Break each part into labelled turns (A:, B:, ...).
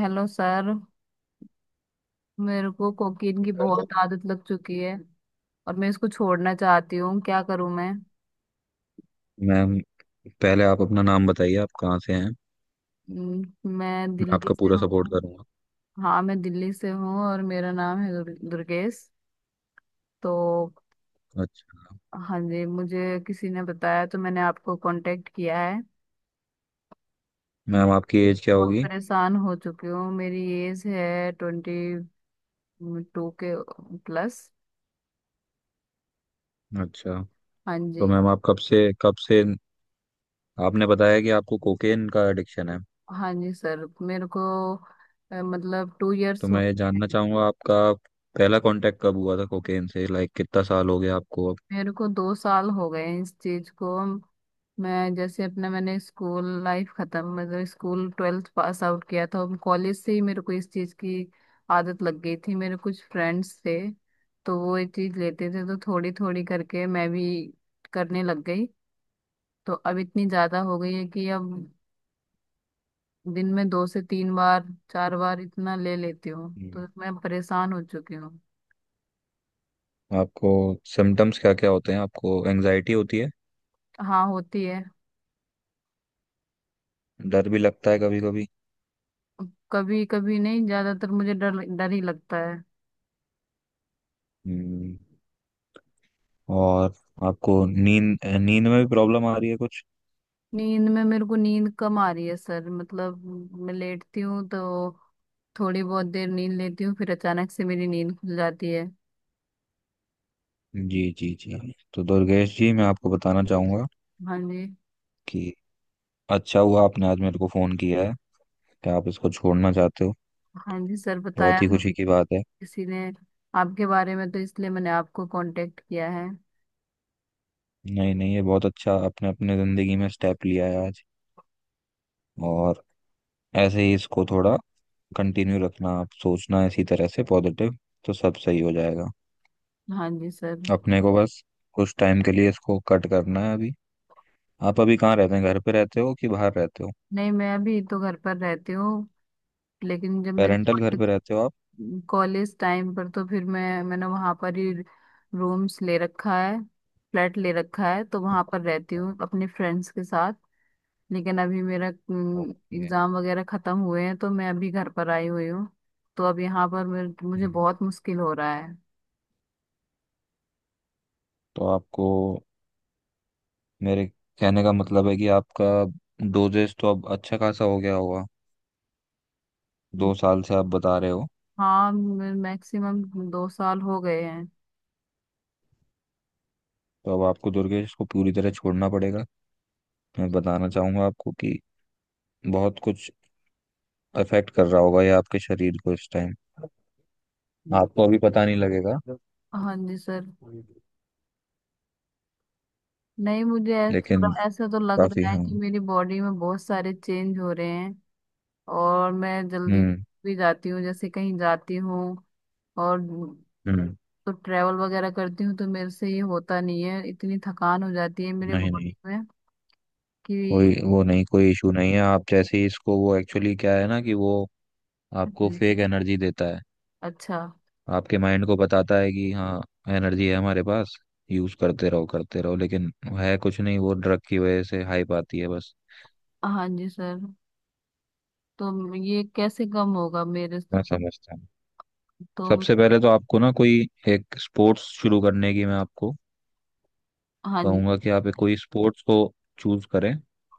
A: Hello sir. मेरे को cocaine की
B: हेलो
A: बहुत आदत लग चुकी है और मैं इसको छोड़ना चाहती हूँ। क्या करूँ मैं?
B: मैम। पहले आप अपना नाम बताइए, आप कहाँ से हैं?
A: हम्म, मैं
B: मैं
A: दिल्ली
B: आपका
A: से
B: पूरा सपोर्ट
A: हूँ।
B: करूंगा।
A: हाँ, मैं दिल्ली से हूँ और मेरा नाम है दुर्गेश। तो
B: अच्छा।
A: हाँ जी, मुझे किसी ने बताया तो मैंने आपको कांटेक्ट किया है।
B: मैम,
A: मैं
B: आपकी एज क्या
A: बहुत
B: होगी?
A: परेशान हो चुकी हूँ। मेरी एज है 22 के प्लस।
B: अच्छा।
A: हाँ
B: तो
A: जी।
B: मैम, आप कब से आपने बताया कि आपको कोकेन का एडिक्शन है?
A: हाँ जी सर, मेरे को मतलब टू
B: तो
A: इयर्स हो
B: मैं ये
A: गए
B: जानना
A: हैं।
B: चाहूंगा, आपका पहला कांटेक्ट कब हुआ था कोकेन से? लाइक कितना साल हो गया आपको अब?
A: मेरे को 2 साल हो गए हैं इस चीज को। मैं जैसे अपना मैंने स्कूल लाइफ खत्म, मतलब स्कूल ट्वेल्थ पास आउट किया था, कॉलेज से ही मेरे को इस चीज की आदत लग गई थी। मेरे कुछ फ्रेंड्स थे तो वो ये चीज लेते थे, तो थोड़ी थोड़ी करके मैं भी करने लग गई। तो अब इतनी ज्यादा हो गई है कि अब दिन में 2 से 3 बार, 4 बार इतना ले लेती हूँ,
B: हम्म।
A: तो मैं परेशान हो चुकी हूँ।
B: आपको सिम्टम्स क्या क्या होते हैं? आपको एंजाइटी होती है?
A: हाँ, होती है।
B: डर भी लगता है, कभी कभी?
A: कभी कभी नहीं, ज्यादातर मुझे डर डर ही लगता है।
B: हम्म, और आपको नींद नींद में भी प्रॉब्लम आ रही है कुछ?
A: नींद में मेरे को नींद कम आ रही है सर, मतलब मैं लेटती हूँ तो थोड़ी बहुत देर नींद लेती हूँ, फिर अचानक से मेरी नींद खुल जाती है।
B: जी जी जी। तो दुर्गेश जी, मैं आपको बताना चाहूंगा
A: हाँ जी।
B: कि अच्छा हुआ आपने आज मेरे को फोन किया है, कि आप इसको छोड़ना चाहते हो।
A: हाँ जी सर, बताया
B: बहुत ही
A: था
B: खुशी की बात है।
A: किसी ने आपके बारे में, तो इसलिए मैंने आपको कांटेक्ट किया है।
B: नहीं नहीं, ये बहुत अच्छा आपने अपने जिंदगी में स्टेप लिया है आज। और ऐसे ही इसको थोड़ा कंटिन्यू रखना, आप सोचना इसी तरह से पॉजिटिव, तो सब सही हो जाएगा।
A: हाँ जी सर।
B: अपने को बस कुछ टाइम के लिए इसको कट करना है अभी। आप अभी कहाँ रहते हैं, घर पे रहते हो कि बाहर रहते हो?
A: नहीं, मैं अभी तो घर पर रहती हूँ, लेकिन जब मेरे
B: पेरेंटल घर पे
A: कॉलेज,
B: रहते हो आप?
A: कॉलेज टाइम पर, तो फिर मैंने वहाँ पर ही रूम्स ले रखा है, फ्लैट ले रखा है, तो वहाँ पर रहती हूँ अपने फ्रेंड्स के साथ। लेकिन अभी मेरा
B: ओके।
A: एग्जाम वगैरह खत्म हुए हैं तो मैं अभी घर पर आई हुई हूँ। तो अब यहाँ पर मुझे
B: हम्म,
A: बहुत मुश्किल हो रहा है।
B: तो आपको, मेरे कहने का मतलब है कि आपका डोजेस तो अब अच्छा खासा हो गया होगा।
A: हम्म,
B: 2 साल से आप बता रहे हो।
A: हाँ मैक्सिमम 2 साल हो गए हैं।
B: तो अब आपको, दुर्गेश, को पूरी तरह छोड़ना पड़ेगा। मैं बताना चाहूंगा आपको कि बहुत कुछ अफेक्ट कर रहा होगा ये आपके शरीर को इस टाइम। आपको अभी पता नहीं लगेगा
A: हाँ जी सर। नहीं, मुझे
B: लेकिन
A: थोड़ा ऐसा तो लग
B: काफी।
A: रहा है
B: हाँ।
A: कि मेरी बॉडी में बहुत सारे चेंज हो रहे हैं। और मैं जल्दी
B: हम्म,
A: भी जाती हूँ, जैसे कहीं जाती हूँ और
B: हम्म।
A: तो ट्रैवल वगैरह करती हूँ तो मेरे से ये होता नहीं है, इतनी थकान हो जाती है मेरे
B: नहीं नहीं,
A: बॉडी में कि।
B: कोई वो नहीं, कोई इशू नहीं है। आप जैसे ही इसको, वो एक्चुअली क्या है ना, कि वो आपको
A: जी।
B: फेक एनर्जी देता है।
A: अच्छा।
B: आपके माइंड को बताता है कि हाँ, एनर्जी है हमारे पास, यूज करते रहो करते रहो, लेकिन है कुछ नहीं, वो ड्रग की वजह से हाइप आती है बस।
A: हाँ जी सर, तो ये कैसे कम होगा मेरे से?
B: मैं समझता हूँ।
A: तो
B: सबसे पहले तो आपको ना, कोई एक स्पोर्ट्स शुरू करने की मैं आपको
A: हाँ जी।
B: कहूंगा कि आप एक कोई स्पोर्ट्स को चूज करें।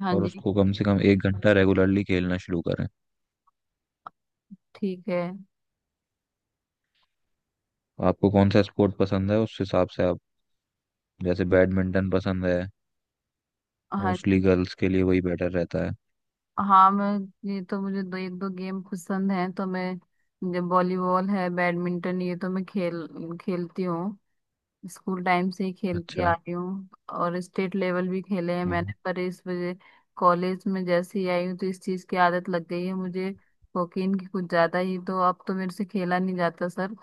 A: हाँ
B: और
A: जी।
B: उसको कम से कम 1 घंटा रेगुलरली खेलना शुरू करें।
A: ठीक है।
B: आपको कौन सा स्पोर्ट पसंद है, उस हिसाब से आप, जैसे बैडमिंटन पसंद है,
A: हाँ
B: मोस्टली
A: जी।
B: गर्ल्स के लिए वही बेटर रहता है।
A: हाँ, मैं, ये तो मुझे दो एक दो गेम पसंद हैं, तो मैं, जब वॉलीबॉल है, बैडमिंटन, ये तो मैं खेलती हूँ, स्कूल टाइम से ही खेलती
B: अच्छा।
A: आ रही हूँ। और स्टेट लेवल भी खेले हैं मैंने, पर इस वजह, कॉलेज में जैसे ही आई हूँ तो इस चीज़ की आदत लग गई है मुझे, कोकीन की कुछ ज़्यादा ही, तो अब तो मेरे से खेला नहीं जाता सर।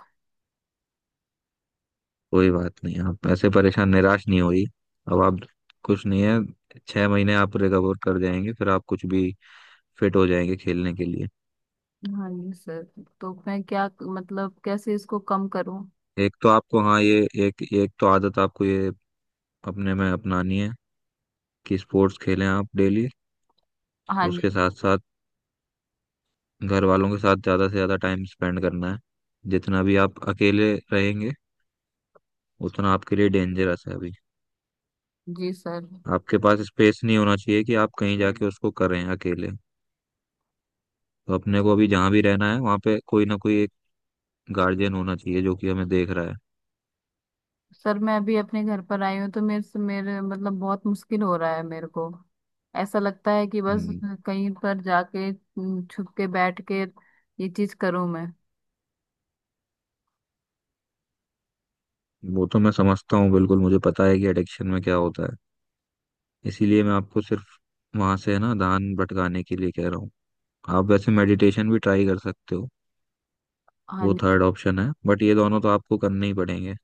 B: कोई बात नहीं, आप ऐसे परेशान निराश नहीं होइए। अब आप, कुछ नहीं है, 6 महीने आप रिकवर कर जाएंगे, फिर आप कुछ भी फिट हो जाएंगे खेलने के लिए।
A: हाँ जी सर, तो मैं क्या मतलब, कैसे इसको कम करूं?
B: एक तो आपको, हाँ, ये एक, एक तो आदत आपको ये अपने में अपनानी है, कि स्पोर्ट्स खेलें आप डेली।
A: हाँ जी।
B: उसके साथ साथ घर वालों के साथ ज़्यादा से ज़्यादा टाइम स्पेंड करना है। जितना भी आप अकेले रहेंगे, उतना आपके लिए डेंजरस है अभी।
A: जी सर।
B: आपके पास स्पेस नहीं होना चाहिए कि आप कहीं जाके उसको करें अकेले। तो अपने को अभी जहाँ भी रहना है, वहाँ पे कोई ना कोई गार्जियन होना चाहिए, जो कि हमें देख रहा है।
A: सर, मैं अभी अपने घर पर आई हूँ तो मेरे से, मेरे मतलब बहुत मुश्किल हो रहा है। मेरे को ऐसा लगता है कि बस
B: हम्म,
A: कहीं पर जाके छुप के बैठ के ये चीज करूं मैं।
B: वो तो मैं समझता हूँ, बिल्कुल मुझे पता है कि एडिक्शन में क्या होता है। इसीलिए मैं आपको सिर्फ वहां से, है ना, ध्यान भटकाने के लिए कह रहा हूँ। आप वैसे मेडिटेशन भी ट्राई कर सकते हो,
A: हाँ
B: वो
A: जी।
B: थर्ड ऑप्शन है, बट ये दोनों तो आपको करने ही पड़ेंगे।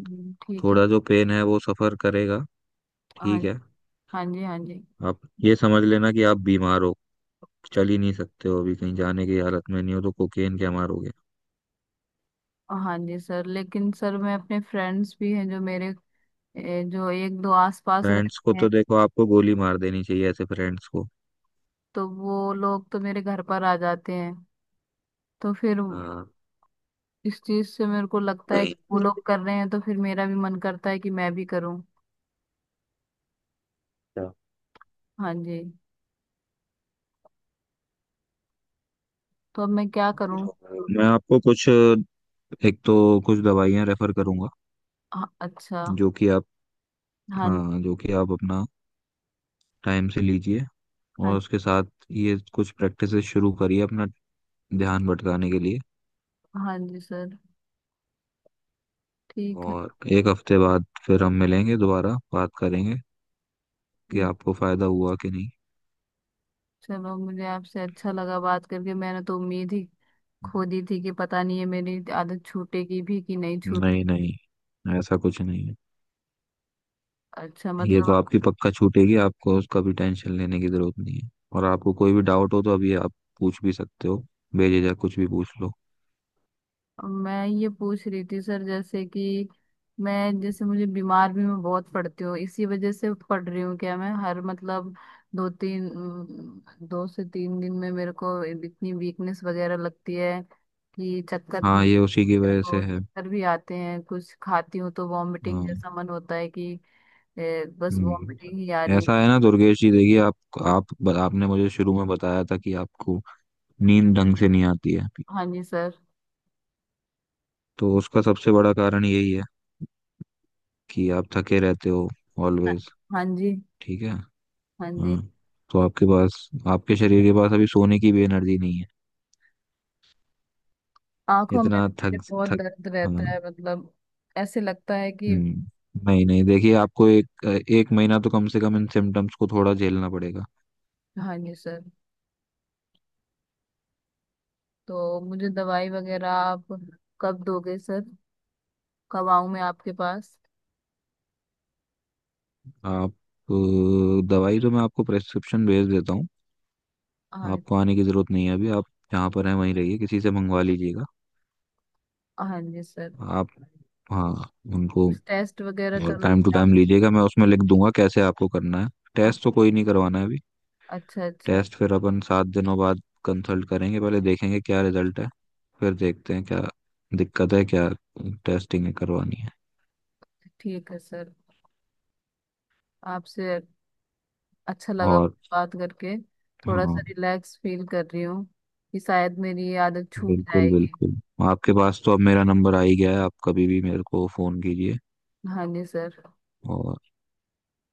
A: ठीक है।
B: थोड़ा जो पेन है, वो सफर करेगा।
A: हाँ।
B: ठीक है।
A: हाँ जी। हाँ जी।
B: आप ये समझ लेना कि आप बीमार हो, चल ही नहीं सकते हो अभी, कहीं जाने की हालत में नहीं हो, तो कोकेन क्या मारोगे।
A: हाँ जी सर, लेकिन सर, मैं, अपने फ्रेंड्स भी हैं जो मेरे जो एक दो आस पास
B: फ्रेंड्स को
A: रहते हैं,
B: तो देखो, आपको गोली मार देनी चाहिए ऐसे फ्रेंड्स को।
A: तो वो लोग तो मेरे घर पर आ जाते हैं, तो फिर
B: हाँ।
A: इस चीज से मेरे को लगता है कि वो
B: नहीं,
A: लोग कर रहे हैं तो फिर मेरा भी मन करता है कि मैं भी करूं। हाँ जी, तो अब मैं क्या करूं?
B: मैं आपको कुछ, एक तो कुछ दवाइयाँ रेफर करूंगा
A: हाँ, अच्छा।
B: जो कि आप,
A: हाँ।
B: हाँ, जो कि आप अपना टाइम से लीजिए। और
A: हाँ।
B: उसके साथ ये कुछ प्रैक्टिसेस शुरू करिए, अपना ध्यान भटकाने के लिए।
A: हाँ जी सर। ठीक है।
B: और 1 हफ्ते बाद फिर हम मिलेंगे, दोबारा बात करेंगे कि
A: हम्म,
B: आपको फायदा हुआ कि नहीं।
A: चलो, मुझे आपसे अच्छा लगा बात करके। मैंने तो उम्मीद ही खो दी थी कि पता नहीं है मेरी आदत छूटेगी भी कि नहीं छूटेगी।
B: नहीं नहीं, ऐसा कुछ नहीं है।
A: अच्छा,
B: ये तो
A: मतलब
B: आपकी पक्का छूटेगी, आपको उसका भी टेंशन लेने की जरूरत नहीं है, और आपको कोई भी डाउट हो तो अभी आप पूछ भी सकते हो, बेझिझक कुछ भी पूछ लो।
A: मैं ये पूछ रही थी सर, जैसे कि मैं, जैसे मुझे बीमार भी मैं बहुत पड़ती हूँ, इसी वजह से पड़ रही हूँ क्या? मैं हर मतलब 2 से 3 दिन में मेरे को इतनी वीकनेस वगैरह लगती है कि चक्कर भी,
B: हाँ, ये उसी की
A: मेरे
B: वजह से
A: को
B: है।
A: चक्कर भी आते हैं, कुछ खाती हूँ तो वॉमिटिंग
B: हाँ।
A: जैसा मन होता है कि बस वॉमिटिंग ही आ
B: हम्म।
A: रही
B: ऐसा है ना, दुर्गेश जी, देखिए आप
A: है।
B: आप आपने मुझे शुरू में बताया था कि आपको नींद ढंग से नहीं आती है।
A: हाँ जी सर।
B: तो उसका सबसे बड़ा कारण यही है कि आप थके रहते हो
A: हाँ।
B: ऑलवेज।
A: हाँ जी।
B: ठीक है।
A: हाँ जी।
B: हाँ। तो आपके पास, आपके शरीर के पास अभी सोने की भी एनर्जी नहीं है,
A: आंखों में भी
B: इतना
A: मेरे
B: थक
A: बहुत
B: थक।
A: दर्द
B: हाँ।
A: रहता है, मतलब ऐसे लगता है कि।
B: हम्म। नहीं नहीं, देखिए आपको एक, 1 महीना तो कम से कम इन सिम्टम्स को थोड़ा झेलना पड़ेगा।
A: हाँ जी सर, तो मुझे दवाई वगैरह आप कब दोगे सर? कब आऊँ मैं आपके पास?
B: आप, अ, दवाई तो मैं आपको प्रेस्क्रिप्शन भेज देता हूँ।
A: हाँ।
B: आपको आने की ज़रूरत नहीं है, अभी आप जहाँ पर हैं वहीं रहिए, किसी से मंगवा लीजिएगा।
A: हाँ जी सर,
B: आप, हाँ, उनको
A: कुछ टेस्ट वगैरह
B: और टाइम टू
A: करोगे आप?
B: टाइम लीजिएगा, मैं उसमें लिख दूंगा कैसे आपको करना है।
A: आ-
B: टेस्ट तो कोई नहीं करवाना है अभी।
A: अच्छा अच्छा।
B: टेस्ट फिर अपन 7 दिनों बाद कंसल्ट करेंगे, पहले देखेंगे क्या रिजल्ट है, फिर देखते हैं क्या दिक्कत है, क्या टेस्टिंग करवानी है।
A: ठीक है सर। आपसे अच्छा लगा
B: और
A: बात करके, थोड़ा सा
B: हाँ,
A: रिलैक्स फील कर रही हूँ कि शायद मेरी ये आदत छूट
B: बिल्कुल
A: जाएगी।
B: बिल्कुल। आपके पास तो अब मेरा नंबर आ ही गया है, आप कभी भी मेरे को फ़ोन कीजिए।
A: हाँ जी सर।
B: और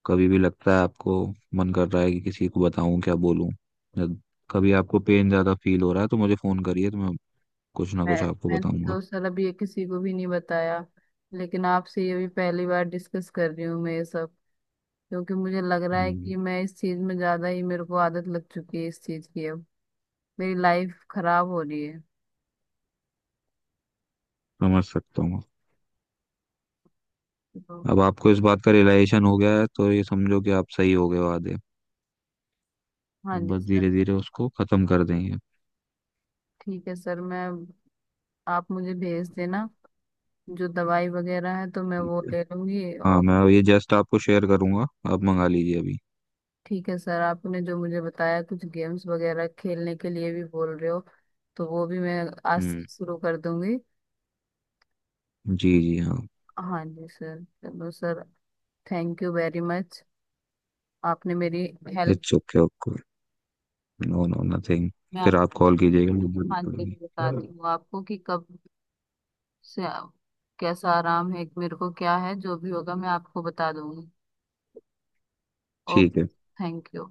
B: कभी भी लगता है आपको मन कर रहा है कि किसी को बताऊं क्या बोलूं, जब कभी आपको पेन ज्यादा फील हो रहा है तो मुझे फोन करिए, तो मैं कुछ ना कुछ
A: मैं
B: आपको
A: मैंने
B: बताऊंगा।
A: तो सर अभी ये किसी को भी नहीं बताया, लेकिन आपसे ये भी पहली बार डिस्कस कर रही हूँ मैं ये सब। क्योंकि मुझे लग रहा है
B: हम्म,
A: कि मैं इस चीज में ज्यादा ही, मेरे को आदत लग चुकी है इस चीज की, अब मेरी लाइफ खराब हो रही है।
B: समझ सकता हूँ।
A: तो
B: अब आपको इस बात का रियलाइजेशन हो गया है, तो ये समझो कि आप सही हो गए हो आधे।
A: हाँ
B: अब
A: जी
B: बस
A: सर।
B: धीरे धीरे उसको खत्म कर देंगे।
A: ठीक है सर, मैं, आप मुझे भेज देना जो दवाई वगैरह है तो मैं
B: ठीक
A: वो
B: है।
A: ले लूंगी।
B: हाँ,
A: और
B: मैं ये जस्ट आपको शेयर करूंगा, आप मंगा लीजिए अभी।
A: ठीक है सर, आपने जो मुझे बताया कुछ गेम्स वगैरह खेलने के लिए भी बोल रहे हो, तो वो भी मैं आज
B: हम्म।
A: से शुरू कर दूंगी।
B: जी जी, हाँ।
A: हाँ जी सर, चलो sir, thank you very much. आपने मेरी help.
B: It's okay, okay. No no, nothing.
A: मैं
B: फिर
A: आप।
B: आप कॉल कीजिएगा मुझे, जरूरत
A: हाँ जी,
B: पड़ेगी।
A: बताती हूँ आपको कि कब से कैसा आराम है, एक मेरे को क्या है, जो भी होगा मैं आपको बता दूंगी।
B: ठीक है।
A: Okay, thank you.